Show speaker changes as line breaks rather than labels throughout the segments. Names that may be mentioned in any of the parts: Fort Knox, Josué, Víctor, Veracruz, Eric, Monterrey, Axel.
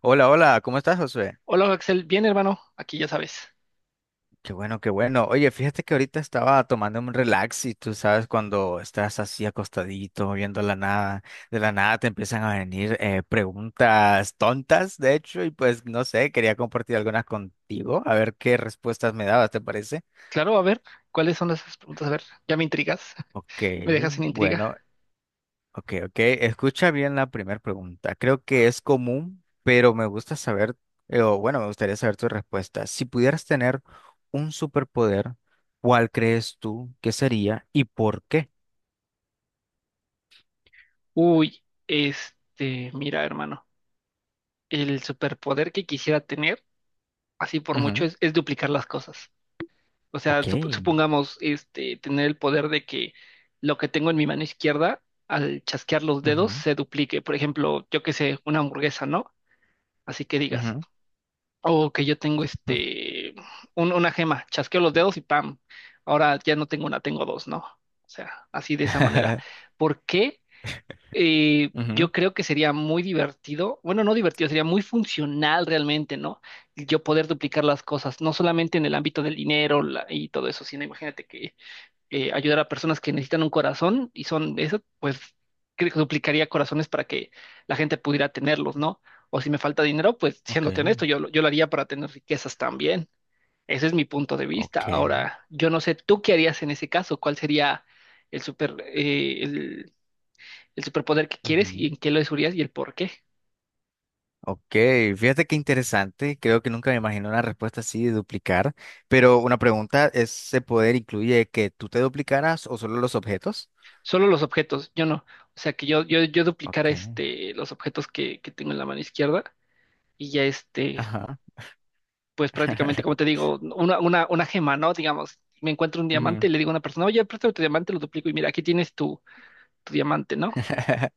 Hola, hola, ¿cómo estás, Josué?
Hola Axel, bien hermano, aquí ya sabes.
Qué bueno, qué bueno. Oye, fíjate que ahorita estaba tomando un relax y tú sabes cuando estás así acostadito, viendo la nada, de la nada te empiezan a venir preguntas tontas, de hecho, y pues no sé, quería compartir algunas contigo, a ver qué respuestas me dabas, ¿te parece?
Claro, a ver, ¿cuáles son las preguntas? A ver, ya me intrigas.
Ok,
Me dejas sin intriga.
bueno, ok, ok. Escucha bien la primera pregunta. Creo que es común, pero me gusta saber, o bueno, me gustaría saber tu respuesta. Si pudieras tener un superpoder, ¿cuál crees tú que sería y por qué?
Uy, mira hermano, el superpoder que quisiera tener, así por
Ujú,
mucho, es duplicar las cosas. O sea,
ok.
supongamos, tener el poder de que lo que tengo en mi mano izquierda, al chasquear los dedos,
Ujú,
se duplique. Por ejemplo, yo qué sé, una hamburguesa, ¿no? Así que digas.
ujú,
O que yo tengo
ujú,
una gema, chasqueo los dedos y ¡pam! Ahora ya no tengo una, tengo dos, ¿no? O sea, así de esa manera. ¿Por qué?
ujú.
Yo creo que sería muy divertido, bueno, no divertido, sería muy funcional realmente, ¿no? Yo poder duplicar las cosas, no solamente en el ámbito del dinero y todo eso, sino imagínate que ayudar a personas que necesitan un corazón y son eso, pues creo que duplicaría corazones para que la gente pudiera tenerlos, ¿no? O si me falta dinero, pues
Ok.
siéndote honesto, yo lo haría para tener riquezas también. Ese es mi punto de vista.
Ok.
Ahora, yo no sé, ¿tú qué harías en ese caso? ¿Cuál sería el super, eh, el, el superpoder que quieres y
Ujú,
en qué lo usarías y el por qué?
ok. Fíjate qué interesante. Creo que nunca me imaginé una respuesta así de duplicar. Pero una pregunta, ¿ese poder incluye que tú te duplicaras o solo los objetos?
Solo los objetos, yo no. O sea, que yo duplicara
Ok.
los objetos que tengo en la mano izquierda y ya
Ajá.
pues prácticamente, como te digo, una gema, ¿no? Digamos, me encuentro un
Ujú.
diamante y le digo a una persona, oye, préstame tu diamante, lo duplico y mira, aquí tienes tu diamante, ¿no?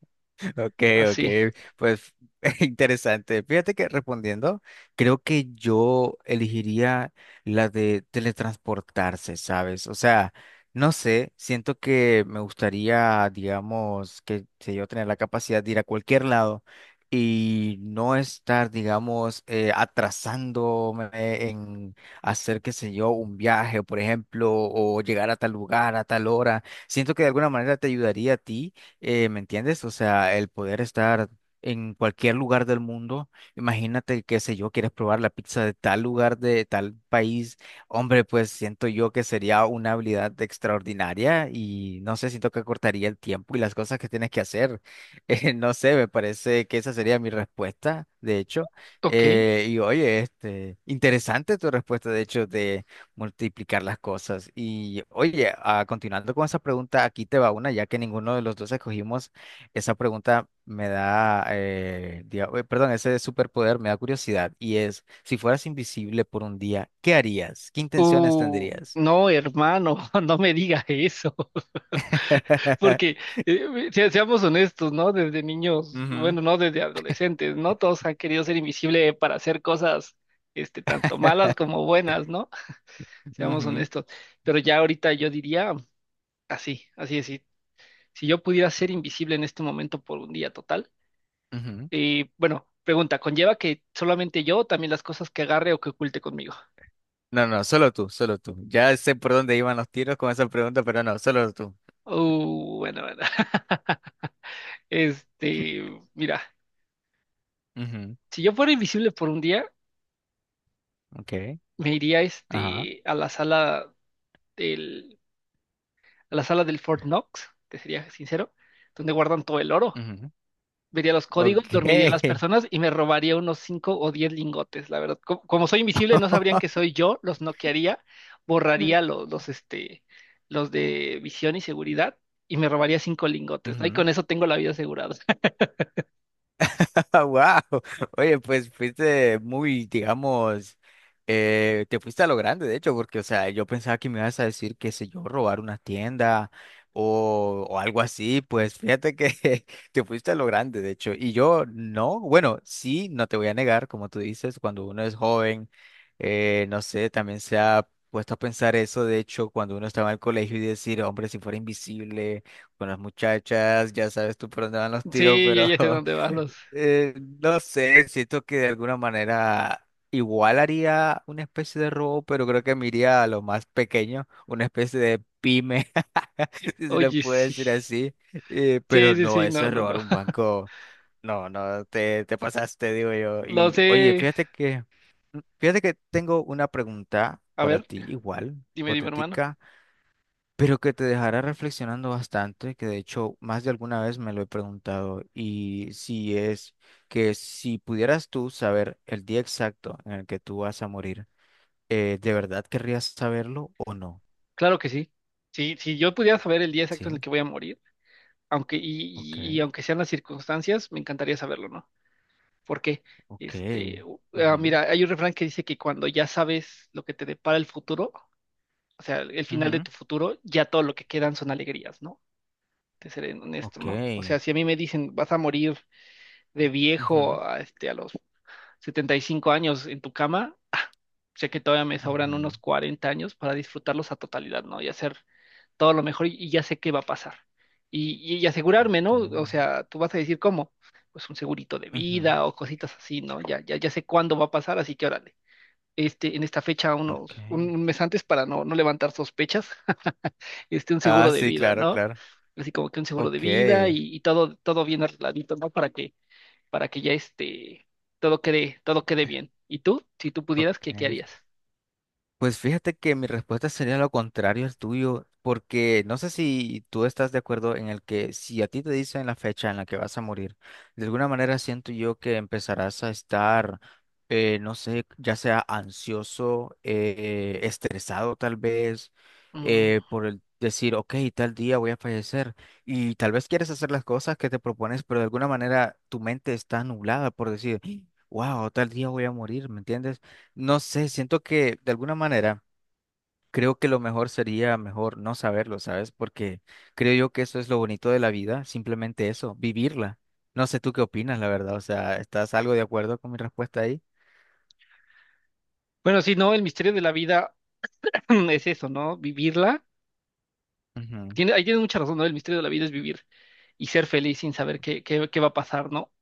Ok, ok,
Así,
pues interesante. Fíjate que respondiendo, creo que yo elegiría la de teletransportarse, ¿sabes? O sea, no sé, siento que me gustaría, digamos, que sé yo tener la capacidad de ir a cualquier lado y no estar, digamos, atrasándome en hacer, qué sé yo, un viaje, por ejemplo, o llegar a tal lugar a tal hora. Siento que de alguna manera te ayudaría a ti ¿me entiendes? O sea, el poder estar en cualquier lugar del mundo. Imagínate, qué sé yo, quieres probar la pizza de tal lugar, de tal país. Hombre, pues siento yo que sería una habilidad extraordinaria y no sé, siento que cortaría el tiempo y las cosas que tienes que hacer. No sé, me parece que esa sería mi respuesta, de hecho.
ok.
Y oye, este, interesante tu respuesta, de hecho, de multiplicar las cosas. Y oye, ah, continuando con esa pregunta, aquí te va una, ya que ninguno de los dos escogimos, esa pregunta me da, perdón, ese superpoder me da curiosidad y es, si fueras invisible por un día, ¿qué harías? ¿Qué intenciones tendrías?
No, hermano, no me diga eso, porque seamos honestos, ¿no? Desde niños,
Ujú,
bueno, no desde adolescentes, ¿no? Todos han querido ser invisible para hacer cosas, tanto malas como buenas, ¿no? Seamos
ujú,
honestos. Pero ya ahorita yo diría, así, así es. Si yo pudiera ser invisible en este momento por un día total.
ujú.
Y bueno, pregunta, ¿conlleva que solamente yo, o también las cosas que agarre o que oculte conmigo?
No, no, solo tú, solo tú. Ya sé por dónde iban los tiros con esa pregunta, pero no, solo tú.
Bueno, bueno. Este, Mira,
Ujú,
si yo fuera invisible por un día,
ok,
me iría
ajá.
del a la sala del Fort Knox, te sería sincero, donde guardan todo el oro.
Ujú,
Vería los códigos,
ok.
dormiría a las personas y me robaría unos 5 o 10 lingotes, la verdad. Como soy invisible, no sabrían que soy yo, los noquearía, borraría los de visión y seguridad y me robaría 5 lingotes, ¿no? Y
Ujú.
con eso tengo la vida asegurada.
Wow, oye, pues fuiste muy, digamos, te fuiste a lo grande, de hecho, porque, o sea, yo pensaba que me ibas a decir, qué sé yo, robar una tienda o algo así, pues fíjate que te fuiste a lo grande, de hecho, y yo no, bueno, sí, no te voy a negar, como tú dices, cuando uno es joven, no sé, también se ha puesto a pensar eso, de hecho, cuando uno estaba en el colegio y decir, hombre, si fuera invisible con las muchachas, ya sabes tú por dónde van los tiros,
Sí, yo
pero...
ya sé dónde van los.
Eh, no sé, siento que de alguna manera igual haría una especie de robo, pero creo que me iría a lo más pequeño, una especie de pyme, si se le
Oye,
puede
sí.
decir así.
Sí,
Pero
sí,
no,
sí,
eso
no,
es
no, no.
robar un banco. No, no, te pasaste, digo yo.
Lo
Y oye,
sé.
fíjate que tengo una pregunta
A
para
ver,
ti, igual,
dime, dime, hermano.
hipotética pero que te dejará reflexionando bastante, que de hecho más de alguna vez me lo he preguntado, y si es que si pudieras tú saber el día exacto en el que tú vas a morir, ¿de verdad querrías saberlo o no?
Claro que sí. Sí, si yo pudiera saber el día exacto en el
Sí,
que voy a morir, aunque y,
ok,
y aunque sean las circunstancias, me encantaría saberlo, ¿no? Porque
ok. Ujú,
mira, hay un refrán que dice que cuando ya sabes lo que te depara el futuro, o sea, el final de
ujú,
tu futuro, ya todo lo que quedan son alegrías, ¿no? Te seré honesto,
ok,
¿no? O sea, si a mí me dicen, vas a morir de
ujú,
viejo a los 75 años en tu cama, sé que todavía me sobran
ujú,
unos 40 años para disfrutarlos a totalidad, ¿no? Y hacer todo lo mejor y ya sé qué va a pasar. Y asegurarme,
ok,
¿no? O sea, tú vas a decir cómo, pues un segurito de
ujú,
vida o cositas así, ¿no? Ya, ya, ya sé cuándo va a pasar, así que órale. En esta fecha,
ok.
un mes antes para no levantar sospechas, un
Ah,
seguro de
sí,
vida,
claro,
¿no?
claro.
Así como que un seguro
Ok,
de vida y todo bien arregladito, ¿no? Para que ya todo quede bien. ¿Y tú? Si tú pudieras, ¿qué
ok.
harías?
Pues fíjate que mi respuesta sería lo contrario al tuyo, porque no sé si tú estás de acuerdo en el que si a ti te dicen la fecha en la que vas a morir, de alguna manera siento yo que empezarás a estar, no sé, ya sea ansioso, estresado tal vez,
Mm.
por el decir, ok, tal día voy a fallecer, y tal vez quieres hacer las cosas que te propones, pero de alguna manera tu mente está nublada por decir, wow, tal día voy a morir, ¿me entiendes? No sé, siento que de alguna manera creo que lo mejor sería mejor no saberlo, ¿sabes? Porque creo yo que eso es lo bonito de la vida, simplemente eso, vivirla. No sé tú qué opinas, la verdad. O sea, ¿estás algo de acuerdo con mi respuesta ahí?
Bueno, sí, no, el misterio de la vida es eso, ¿no? Vivirla.
Ujú,
Ahí tienes mucha razón, ¿no? El misterio de la vida es vivir y ser feliz sin saber qué va a pasar, ¿no?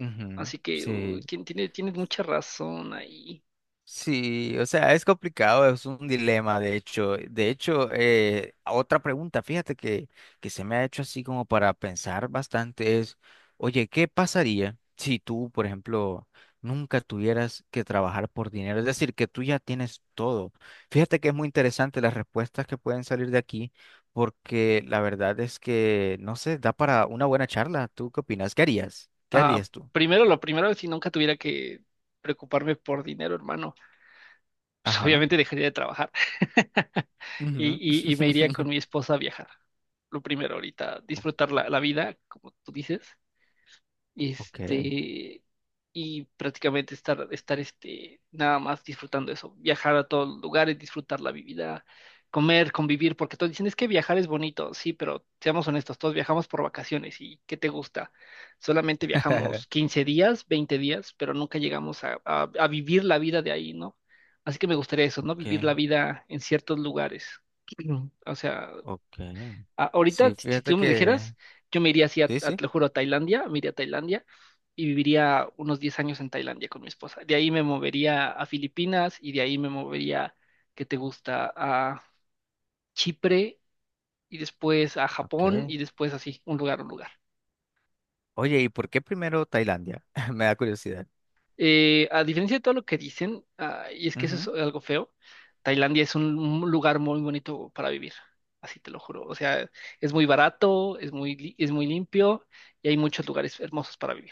ujú,
Así que uy,
sí.
tienes mucha razón ahí.
Sí, o sea, es complicado, es un dilema, de hecho. De hecho, otra pregunta, que se me ha hecho así como para pensar bastante es, oye, ¿qué pasaría si tú, por ejemplo, nunca tuvieras que trabajar por dinero? Es decir, que tú ya tienes todo. Fíjate que es muy interesante las respuestas que pueden salir de aquí, porque la verdad es que, no sé, da para una buena charla. ¿Tú qué opinas? ¿Qué harías? ¿Qué
Ah,
harías tú?
primero, lo primero, si nunca tuviera que preocuparme por dinero, hermano, pues
Ajá.
obviamente dejaría de trabajar, y,
Ujú.
y me iría con mi esposa a viajar. Lo primero ahorita,
O-
disfrutar la vida, como tú dices,
Ok.
este, y prácticamente estar, nada más disfrutando eso, viajar a todos los lugares, disfrutar la vida, comer, convivir, porque todos dicen, es que viajar es bonito, sí, pero seamos honestos, todos viajamos por vacaciones y ¿qué te gusta? Solamente viajamos 15 días, 20 días, pero nunca llegamos a vivir la vida de ahí, ¿no? Así que me gustaría eso, ¿no? Vivir
Ok,
la vida en ciertos lugares. O sea,
ok.
ahorita,
Sí,
si
fíjate
tú me lo
que...
dijeras, yo me iría así,
Sí, sí.
te lo juro, a Tailandia, me iría a Tailandia y viviría unos 10 años en Tailandia con mi esposa. De ahí me movería a Filipinas y de ahí me movería, ¿qué te gusta? A Chipre y después a
Ok.
Japón y después así, un lugar, un lugar.
Oye, ¿y por qué primero Tailandia? Me da curiosidad.
A diferencia de todo lo que dicen, ah, y es que eso es
Ujú.
algo feo. Tailandia es un lugar muy bonito para vivir, así te lo juro. O sea, es muy barato, es muy limpio y hay muchos lugares hermosos para vivir.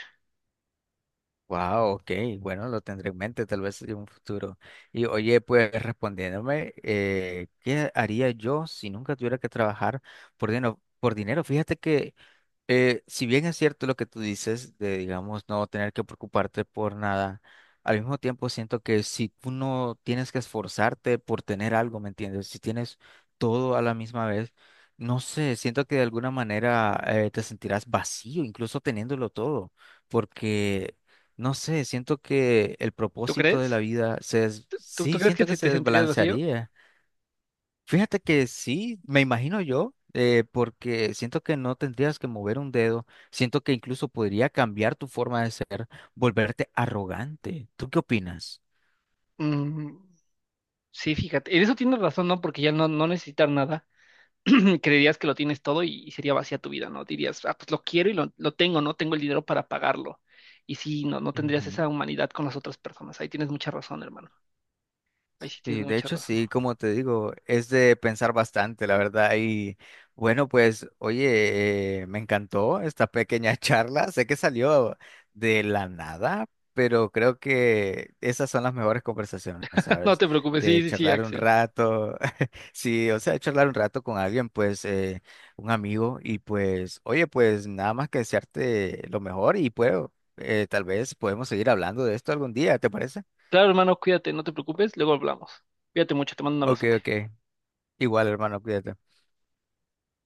Wow, ok. Bueno, lo tendré en mente tal vez en un futuro. Y oye, pues respondiéndome, ¿qué haría yo si nunca tuviera que trabajar por dinero? Por dinero, fíjate que si bien es cierto lo que tú dices de, digamos, no tener que preocuparte por nada, al mismo tiempo siento que si tú no tienes que esforzarte por tener algo, ¿me entiendes? Si tienes todo a la misma vez, no sé, siento que de alguna manera te sentirás vacío, incluso teniéndolo todo, porque, no sé, siento que el
¿Tú
propósito
crees?
de la vida
¿Tú, tú-
sí,
crees que
siento que
se te
se
sentirías vacío?
desbalancearía. Fíjate que sí, me imagino yo, porque siento que no tendrías que mover un dedo, siento que incluso podría cambiar tu forma de ser, volverte arrogante. ¿Tú qué opinas?
Mm, sí, fíjate. En eso tienes razón, ¿no? Porque ya no necesitar nada. Creerías que lo tienes todo y sería vacía tu vida, ¿no? Dirías, ah, pues lo quiero y lo tengo, ¿no? Tengo el dinero para pagarlo. Y sí, no tendrías
Ujú.
esa humanidad con las otras personas. Ahí tienes mucha razón, hermano. Ahí sí
Sí,
tienes
de
mucha
hecho
razón.
sí, como te digo, es de pensar bastante, la verdad. Y bueno, pues oye, me encantó esta pequeña charla. Sé que salió de la nada, pero creo que esas son las mejores conversaciones,
No
¿sabes?
te preocupes, sí,
De
sí, sí,
charlar un
Axel.
rato, sí, o sea, charlar un rato con alguien, pues un amigo. Y pues, oye, pues nada más que desearte lo mejor y puedo, tal vez podemos seguir hablando de esto algún día, ¿te parece?
Claro, hermano, cuídate, no te preocupes, luego hablamos. Cuídate mucho, te mando un
Ok,
abrazote.
ok. Igual, hermano, cuídate.